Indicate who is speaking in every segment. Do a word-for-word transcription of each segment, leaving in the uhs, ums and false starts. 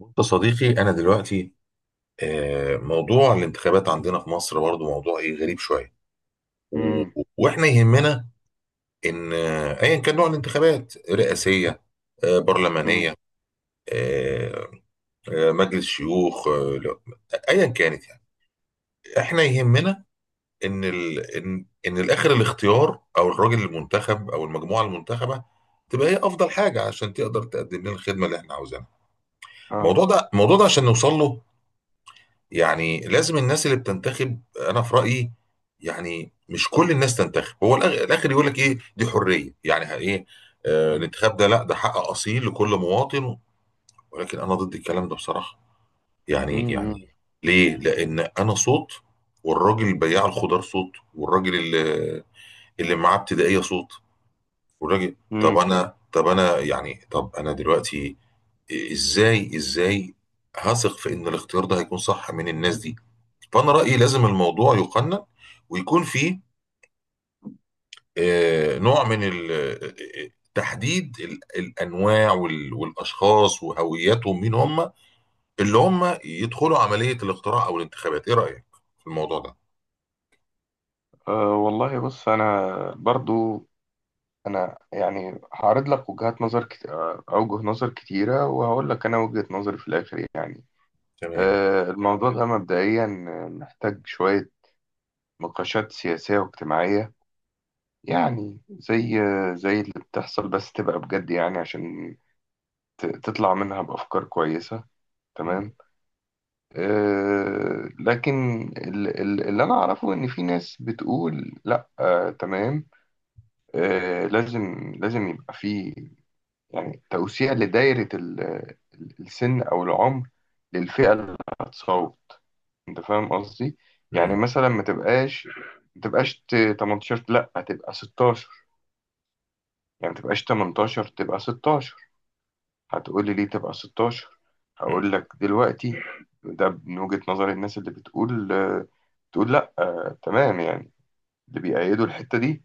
Speaker 1: بص يا صديقي أنا دلوقتي آه، موضوع الانتخابات عندنا في مصر برضو موضوع إيه غريب شوية. و-
Speaker 2: امم،
Speaker 1: وإحنا يهمنا إن آه، أيا كان نوع الانتخابات رئاسية، آه،
Speaker 2: امم،
Speaker 1: برلمانية، آه، آه، مجلس شيوخ، آه، لا، أيا كانت يعني. إحنا يهمنا إن ال... إن إن الآخر الاختيار أو الراجل المنتخب أو المجموعة المنتخبة تبقى هي أفضل حاجة عشان تقدر تقدم لنا الخدمة اللي إحنا عاوزينها. الموضوع
Speaker 2: اه،
Speaker 1: ده الموضوع ده عشان نوصل له، يعني لازم الناس اللي بتنتخب. انا في رايي يعني مش كل الناس تنتخب. هو الأخ- الاخر يقول لك ايه، دي حريه يعني ه- ايه، آه
Speaker 2: امم،
Speaker 1: الانتخاب ده، لا ده حق اصيل لكل مواطن، ولكن انا ضد الكلام ده بصراحه يعني.
Speaker 2: امم، امم،
Speaker 1: يعني ليه؟ لان انا صوت، والراجل بياع الخضار صوت، والراجل اللي، اللي معاه ابتدائيه صوت، والراجل. طب
Speaker 2: امم.
Speaker 1: انا طب انا يعني طب انا دلوقتي ازاي ازاي هثق في ان الاختيار ده هيكون صح من الناس دي؟ فأنا رأيي لازم الموضوع يقنن ويكون فيه آه، نوع من ال- آه، آه، تحديد ال- الأنواع وال- والأشخاص وهوياتهم، مين هم اللي هم يدخلوا عملية الاقتراع أو الانتخابات؟ إيه رأيك في الموضوع ده؟
Speaker 2: آه، والله بص، انا برضو، انا يعني هعرض لك وجهات نظر كت... آه، اوجه نظر كتيره، وهقول لك انا وجهه نظري في الاخر يعني.
Speaker 1: تمام.
Speaker 2: آه، الموضوع ده مبدئيا محتاج شويه نقاشات سياسيه واجتماعيه، يعني زي زي اللي بتحصل، بس تبقى بجد يعني عشان ت... تطلع منها بافكار كويسه. تمام. آه، لكن ال- ال- اللي انا اعرفه ان في ناس بتقول لا، آه، تمام، آه، لازم لازم يبقى في يعني توسيع لدايرة ال- ال- السن او العمر للفئة اللي هتصوت. انت فاهم قصدي؟ يعني
Speaker 1: مم.
Speaker 2: مثلا ما تبقاش ما تبقاش ت- تمنتاشر، لا تبقى ستاشر. يعني ما تبقاش تمنتاشر، تبقى ستاشر. هتقولي ليه تبقى ستاشر؟
Speaker 1: مم.
Speaker 2: هقول لك دلوقتي. ده من وجهة نظر الناس اللي بتقول آه، بتقول لا، آه، تمام، يعني اللي بيأيدوا الحتة دي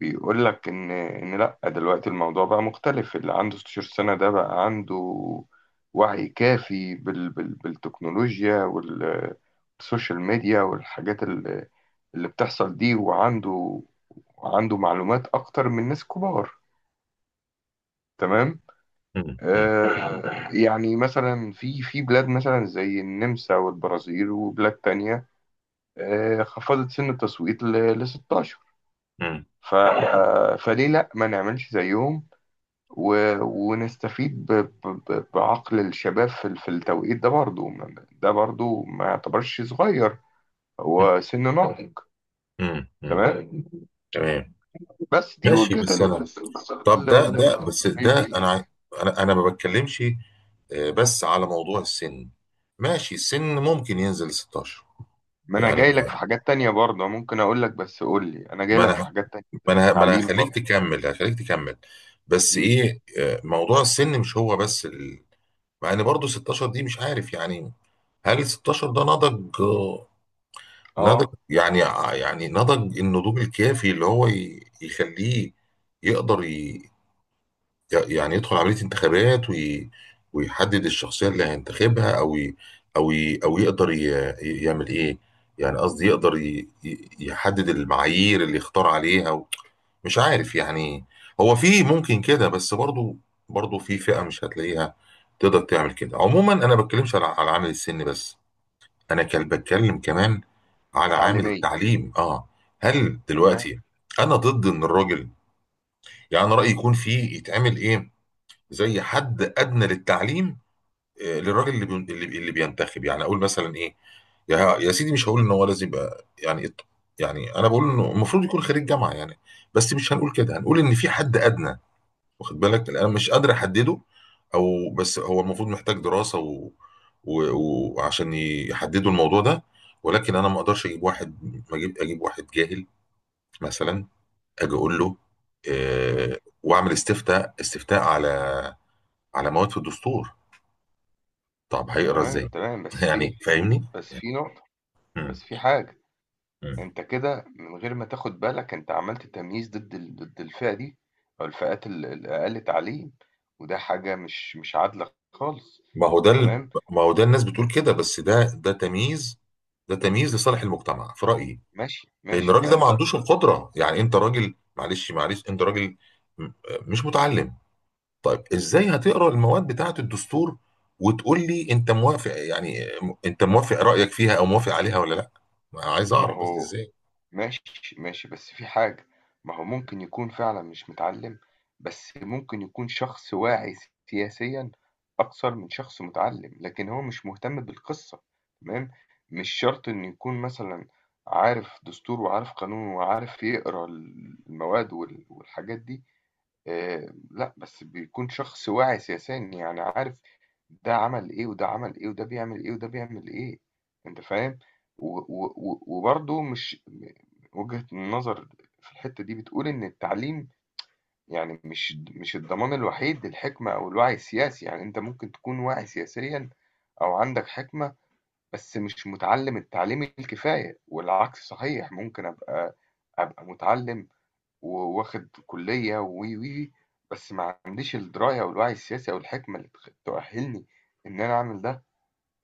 Speaker 2: بيقول لك ان ان لا، دلوقتي الموضوع بقى مختلف. اللي عنده ستاشر سنة ده بقى عنده وعي كافي بال بال بالتكنولوجيا وال- والسوشيال ميديا والحاجات اللي اللي بتحصل دي. وعنده وعنده معلومات اكتر من ناس كبار. تمام.
Speaker 1: مم. مم.
Speaker 2: آه، يعني مثلا في في بلاد مثلا زي النمسا والبرازيل وبلاد تانية، آه، خفضت سن التصويت ل ستاشر.
Speaker 1: مم.
Speaker 2: ف آه، فليه لا ما نعملش زيهم و- ونستفيد ب- ب- ب- بعقل الشباب في ال- في التوقيت ده. برضو ما- ده برضو ما يعتبرش صغير، هو سن ناضج.
Speaker 1: مم. مم.
Speaker 2: تمام.
Speaker 1: تمام.
Speaker 2: بس دي
Speaker 1: ماشي
Speaker 2: وجهة
Speaker 1: بس أنا،
Speaker 2: النظر.
Speaker 1: طب
Speaker 2: ال-
Speaker 1: ده ده
Speaker 2: ال-
Speaker 1: بس
Speaker 2: ال- دي،
Speaker 1: ده أنا عاي- أنا أنا ما بتكلمش آه، بس على موضوع السن. ماشي السن ممكن ينزل ستاشر
Speaker 2: ما انا
Speaker 1: يعني.
Speaker 2: جاي لك في حاجات تانية برضه ممكن اقول لك، بس قول لي، انا جاي
Speaker 1: ما
Speaker 2: لك في
Speaker 1: انا
Speaker 2: حاجات تانية
Speaker 1: ما
Speaker 2: زي
Speaker 1: انا ما انا
Speaker 2: تعليم
Speaker 1: هخليك
Speaker 2: برضه.
Speaker 1: تكمل، هخليك تكمل بس
Speaker 2: امم،
Speaker 1: ايه، آه، موضوع السن مش هو بس ال...، مع ان برضه ستاشر دي مش عارف يعني، هل ستاشر ده نضج، آه، نضج
Speaker 2: اه،
Speaker 1: يعني، يعني نضج النضوج الكافي اللي هو ي... يخليه يقدر ي... يعني يدخل عملية انتخابات وي... ويحدد الشخصية اللي هينتخبها، او ي... او ي... او يقدر ي... ي- يعمل ايه، يعني قصدي يقدر ي... ي- يحدد المعايير اللي يختار عليها. مش عارف يعني. هو في ممكن كده، بس برضو، برضو في فئة مش هتلاقيها تقدر تعمل كده. عموما انا ما بتكلمش على على عامل السن بس، انا كان بتكلم كمان على عامل
Speaker 2: تعليمية،
Speaker 1: التعليم. اه، هل
Speaker 2: تمام.
Speaker 1: دلوقتي انا ضد ان الراجل، يعني انا رأيي يكون في، يتعمل ايه زي حد ادنى للتعليم، آه، للراجل اللي بي- اللي اللي بينتخب، يعني اقول مثلا ايه يا يا سيدي، مش هقول ان هو لازم يبقى يعني إط- يعني انا بقول انه المفروض يكون خريج جامعة يعني، بس مش هنقول كده، هنقول ان في حد ادنى. واخد بالك؟ لأن انا مش قادر احدده، او بس هو المفروض محتاج دراسه و... و... وعشان يحددوا الموضوع ده. ولكن انا ما اقدرش اجيب واحد، ما اجيب اجيب واحد جاهل مثلا، اجي اقول له
Speaker 2: مم.
Speaker 1: آه... واعمل استفتاء استفتاء على على مواد في الدستور، طب هيقرا ازاي؟
Speaker 2: تمام تمام بس في
Speaker 1: يعني فاهمني.
Speaker 2: بس في نقطة،
Speaker 1: مم.
Speaker 2: بس في حاجة.
Speaker 1: مم.
Speaker 2: انت كده من غير ما تاخد بالك، انت عملت تمييز ضد ال... ضد الفئة دي، او الفئات ال- الاقل تعليم. وده حاجة مش مش عادلة خالص.
Speaker 1: ما هو ده ال...
Speaker 2: تمام.
Speaker 1: ما هو ده الناس بتقول كده، بس ده ده تمييز، ده تمييز لصالح المجتمع في رايي.
Speaker 2: ماشي
Speaker 1: لان
Speaker 2: ماشي
Speaker 1: الراجل ده ما
Speaker 2: انت،
Speaker 1: عندوش القدره يعني. انت راجل، معلش معلش، انت راجل م- مش متعلم، طيب ازاي هتقرا المواد بتاعه الدستور، وتقول لي انت موافق؟ يعني انت موافق رايك فيها او موافق عليها ولا لا؟ ما عايز
Speaker 2: ما
Speaker 1: اعرف بس
Speaker 2: هو،
Speaker 1: ازاي.
Speaker 2: ماشي، ماشي، بس في حاجة. ما هو ممكن يكون فعلًا مش متعلّم، بس ممكن يكون شخص واعي سياسيًا أكثر من شخص متعلّم، لكن هو مش مهتم بالقصة، تمام؟ مش شرط إنه يكون مثلًا عارف دستور وعارف قانون وعارف يقرا المواد وال والحاجات دي. آآ لأ، بس بيكون شخص واعي سياسيًا، يعني عارف ده عمل إيه، وده عمل إيه، وده بيعمل إيه، وده بيعمل إيه. أنت فاهم؟ و و و وبرضه مش م وجهة النظر في الحتّة دي بتقول إن التعليم يعني مش مش الضمان الوحيد للحكمة أو الوعي السياسي. يعني أنت ممكن تكون واعي سياسيًا أو عندك حكمة، بس مش متعلّم التعليم الكفاية، والعكس صحيح، ممكن أبقى أبقى متعلّم وواخد كلية و و و بس ما عنديش الدراية أو الوعي السياسي أو الحكمة اللي تخ- تؤهلني إن أنا أعمل ده.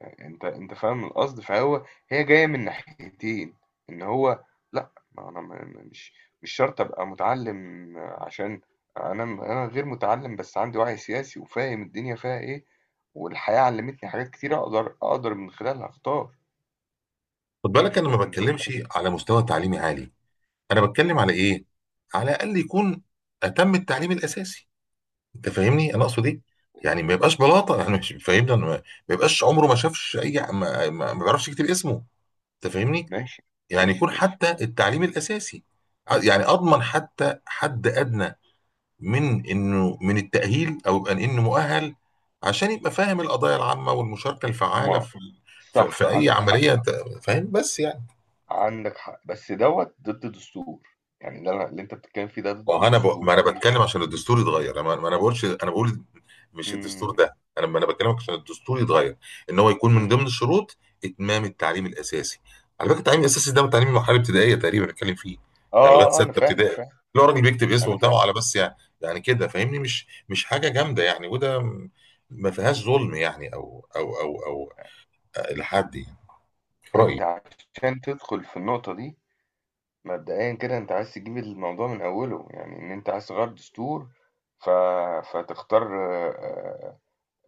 Speaker 2: أنت أنت فاهم القصد؟ فهو هي جاية من ناحيتين. إن هو لأ، ما أنا ما- ما- مش، مش شرط أبقى متعلم عشان أنا أنا غير متعلم، بس عندي وعي سياسي وفاهم الدنيا فيها إيه، والحياة علمتني حاجات كتير أقدر أقدر من خلالها أختار.
Speaker 1: خد بالك انا
Speaker 2: أنت
Speaker 1: ما
Speaker 2: أنت
Speaker 1: بتكلمش على مستوى تعليمي عالي، انا بتكلم على ايه، على الاقل يكون اتم التعليم الاساسي. انت فاهمني انا اقصد ايه، يعني ما يبقاش بلاطه يعني مش فاهمني أنا. ما ما يبقاش عمره ما شافش اي ما, ما ما بيعرفش يكتب اسمه. انت فاهمني،
Speaker 2: ماشي
Speaker 1: يعني
Speaker 2: ماشي
Speaker 1: يكون
Speaker 2: ماشي
Speaker 1: حتى التعليم الأساسي، ع- يعني أضمن حتى حد أدنى من إنه من التأهيل، أو يبقى إنه مؤهل عشان يبقى فاهم القضايا العامة والمشاركة الفعالة
Speaker 2: ما،
Speaker 1: في في, في
Speaker 2: صح
Speaker 1: أي
Speaker 2: عندك حق.
Speaker 1: عملية. أنت فاهم بس يعني،
Speaker 2: عندك حق بس دوت ضد دستور. يعني اللي انا اللي انت بتتكلم فيه ده
Speaker 1: ما
Speaker 2: ضد
Speaker 1: انا ب... ما
Speaker 2: دستور
Speaker 1: انا
Speaker 2: ليه؟
Speaker 1: بتكلم عشان الدستور يتغير، انا ما انا بقولش، انا بقول مش الدستور
Speaker 2: امم.
Speaker 1: ده، انا ما انا بكلمك عشان الدستور يتغير، ان هو يكون من
Speaker 2: امم.
Speaker 1: ضمن الشروط اتمام التعليم الاساسي. على فكره التعليم الاساسي ده تعليم المرحله الابتدائيه تقريبا بنتكلم فيه،
Speaker 2: اه.
Speaker 1: يعني لغايه
Speaker 2: آه، آه،
Speaker 1: سته
Speaker 2: انا فاهم
Speaker 1: ابتدائي،
Speaker 2: فاهم
Speaker 1: اللي هو راجل بيكتب
Speaker 2: انا
Speaker 1: اسمه
Speaker 2: فاهم.
Speaker 1: بتاعه على بس يعني، يعني كده فاهمني، مش مش حاجه جامده يعني، وده م- ما فيهاش ظلم يعني او او او او لحد يعني، في رايي.
Speaker 2: انت عشان تدخل في النقطة دي، مبدئيا كده انت عايز تجيب الموضوع من اوله، يعني ان انت عايز تغير دستور. ف... فتختار آه،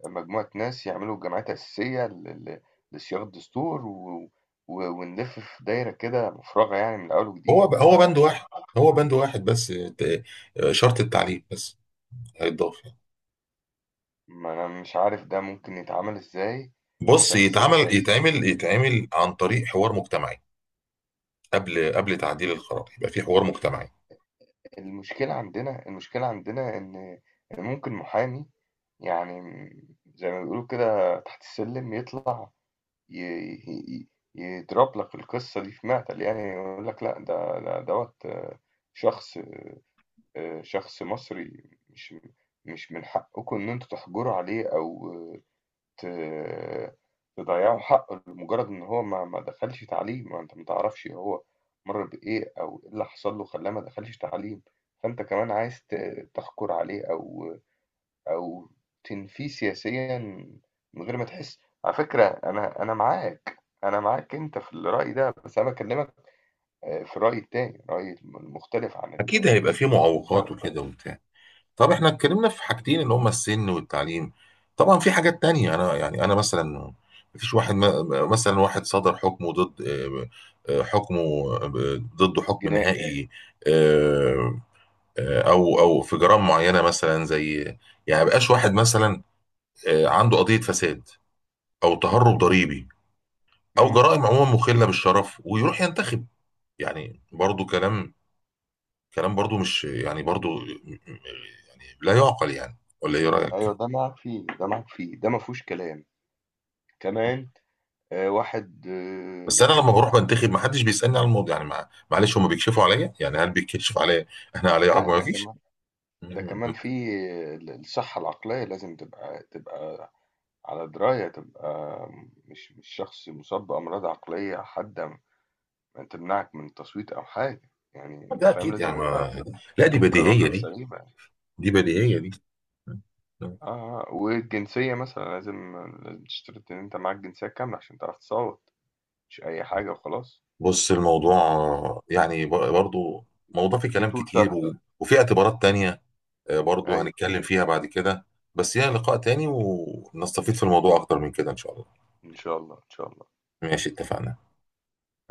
Speaker 2: آه، مجموعة ناس يعملوا جمعيات أساسية ل... ل... لصياغة الدستور و... و... ونلف في دايرة كده مفرغة يعني من اول
Speaker 1: هو
Speaker 2: وجديد.
Speaker 1: هو بند واحد، هو بند واحد بس، ت- شرط التعليم بس هيتضاف يعني.
Speaker 2: فما انا مش عارف ده ممكن يتعمل ازاي.
Speaker 1: بص
Speaker 2: بس
Speaker 1: يتعمل
Speaker 2: آه،
Speaker 1: يتعمل يتعمل عن طريق حوار مجتمعي، قبل قبل تعديل القرار يبقى في حوار مجتمعي.
Speaker 2: المشكلة عندنا المشكلة عندنا إن إن ممكن محامي، يعني، م- زي ما بيقولوا كده تحت السلم، يطلع ي- ي- ي- يضرب لك القصة دي في معتل. يعني يقول لك لا، ده ده دوت، آه، شخص، آه، شخص مصري، مش مش من حقكم إن أنتوا تحجروا عليه، أو ت تضيّعوا حقّه لمجرّد إن هو ما ما دخلش تعليم، ما أنت ما تعرفش هو مَر بإيه أو إيه اللي حصل له خلّاه ما دخلش تعليم. فأنت كمان عايز ت تحكُر عليه، أو أو تنفيه سياسيًا من غير ما تحس. على فكرة، أنا أنا معاك، أنا معاك أنت في الرأي ده، بس أنا باكلّمك آآ في الرأي التاني، الرأي الم المختلف عن
Speaker 1: اكيد
Speaker 2: ال
Speaker 1: هيبقى في معوقات وكده وبتاع. طب احنا اتكلمنا في حاجتين اللي هما السن والتعليم، طبعا في حاجات تانية، انا يعني انا مثلا مفيش واحد م- مثلا واحد صدر حكمه ضد، آه، آه، حكمه آه، ضده حكم
Speaker 2: الجنائي.
Speaker 1: نهائي، آه، آه، او او في جرائم معينه مثلا، زي يعني مبقاش واحد مثلا آه، عنده قضيه فساد او تهرب ضريبي، او
Speaker 2: إمم.
Speaker 1: جرائم عموما مخله بالشرف، ويروح ينتخب؟ يعني برضو كلام، كلام برضو مش يعني برضو يعني لا يعقل يعني، ولا ايه رايك؟
Speaker 2: أيوه ده معاك فيه، ده معاك فيه، ده ما فيهوش كلام. كمان آآ واحد آه،
Speaker 1: بس انا لما بروح بنتخب ما حدش بيسالني على الموضوع يعني، مع... معلش هم بيكشفوا عليا يعني؟ هل بيكشف عليا احنا عليا حاجه؟
Speaker 2: لأ،
Speaker 1: ما
Speaker 2: ده
Speaker 1: فيش.
Speaker 2: كمان ده كمان في ال الصحّة العقلية، لازم تبقى تبقى على دراية، تبقى مش مش شخص مُصاب بأمراض عقلية حادة م تمنعك من التصويت أو حاجة. يعني أنت
Speaker 1: ده
Speaker 2: فاهم،
Speaker 1: اكيد
Speaker 2: لازم
Speaker 1: يعني
Speaker 2: يبقى
Speaker 1: ما... لا دي بديهيه
Speaker 2: قراراتك
Speaker 1: دي،
Speaker 2: سليمة.
Speaker 1: دي بديهيه دي
Speaker 2: آه، آه، والجنسية مثلًا لازم لازم تشترط إن أنت معاك جنسية كاملة عشان تعرف تصوّت، مش أي حاجة وخلاص.
Speaker 1: بص الموضوع يعني ب- برضو موضوع فيه كلام
Speaker 2: يطول
Speaker 1: كتير
Speaker 2: شرحه.
Speaker 1: و... وفي اعتبارات تانية آه، برضو
Speaker 2: أيوه.
Speaker 1: هنتكلم فيها بعد كده، بس هي لقاء تاني ونستفيد في الموضوع أكتر من كده إن شاء الله.
Speaker 2: إن شاء الله، إن شاء الله.
Speaker 1: ماشي اتفقنا.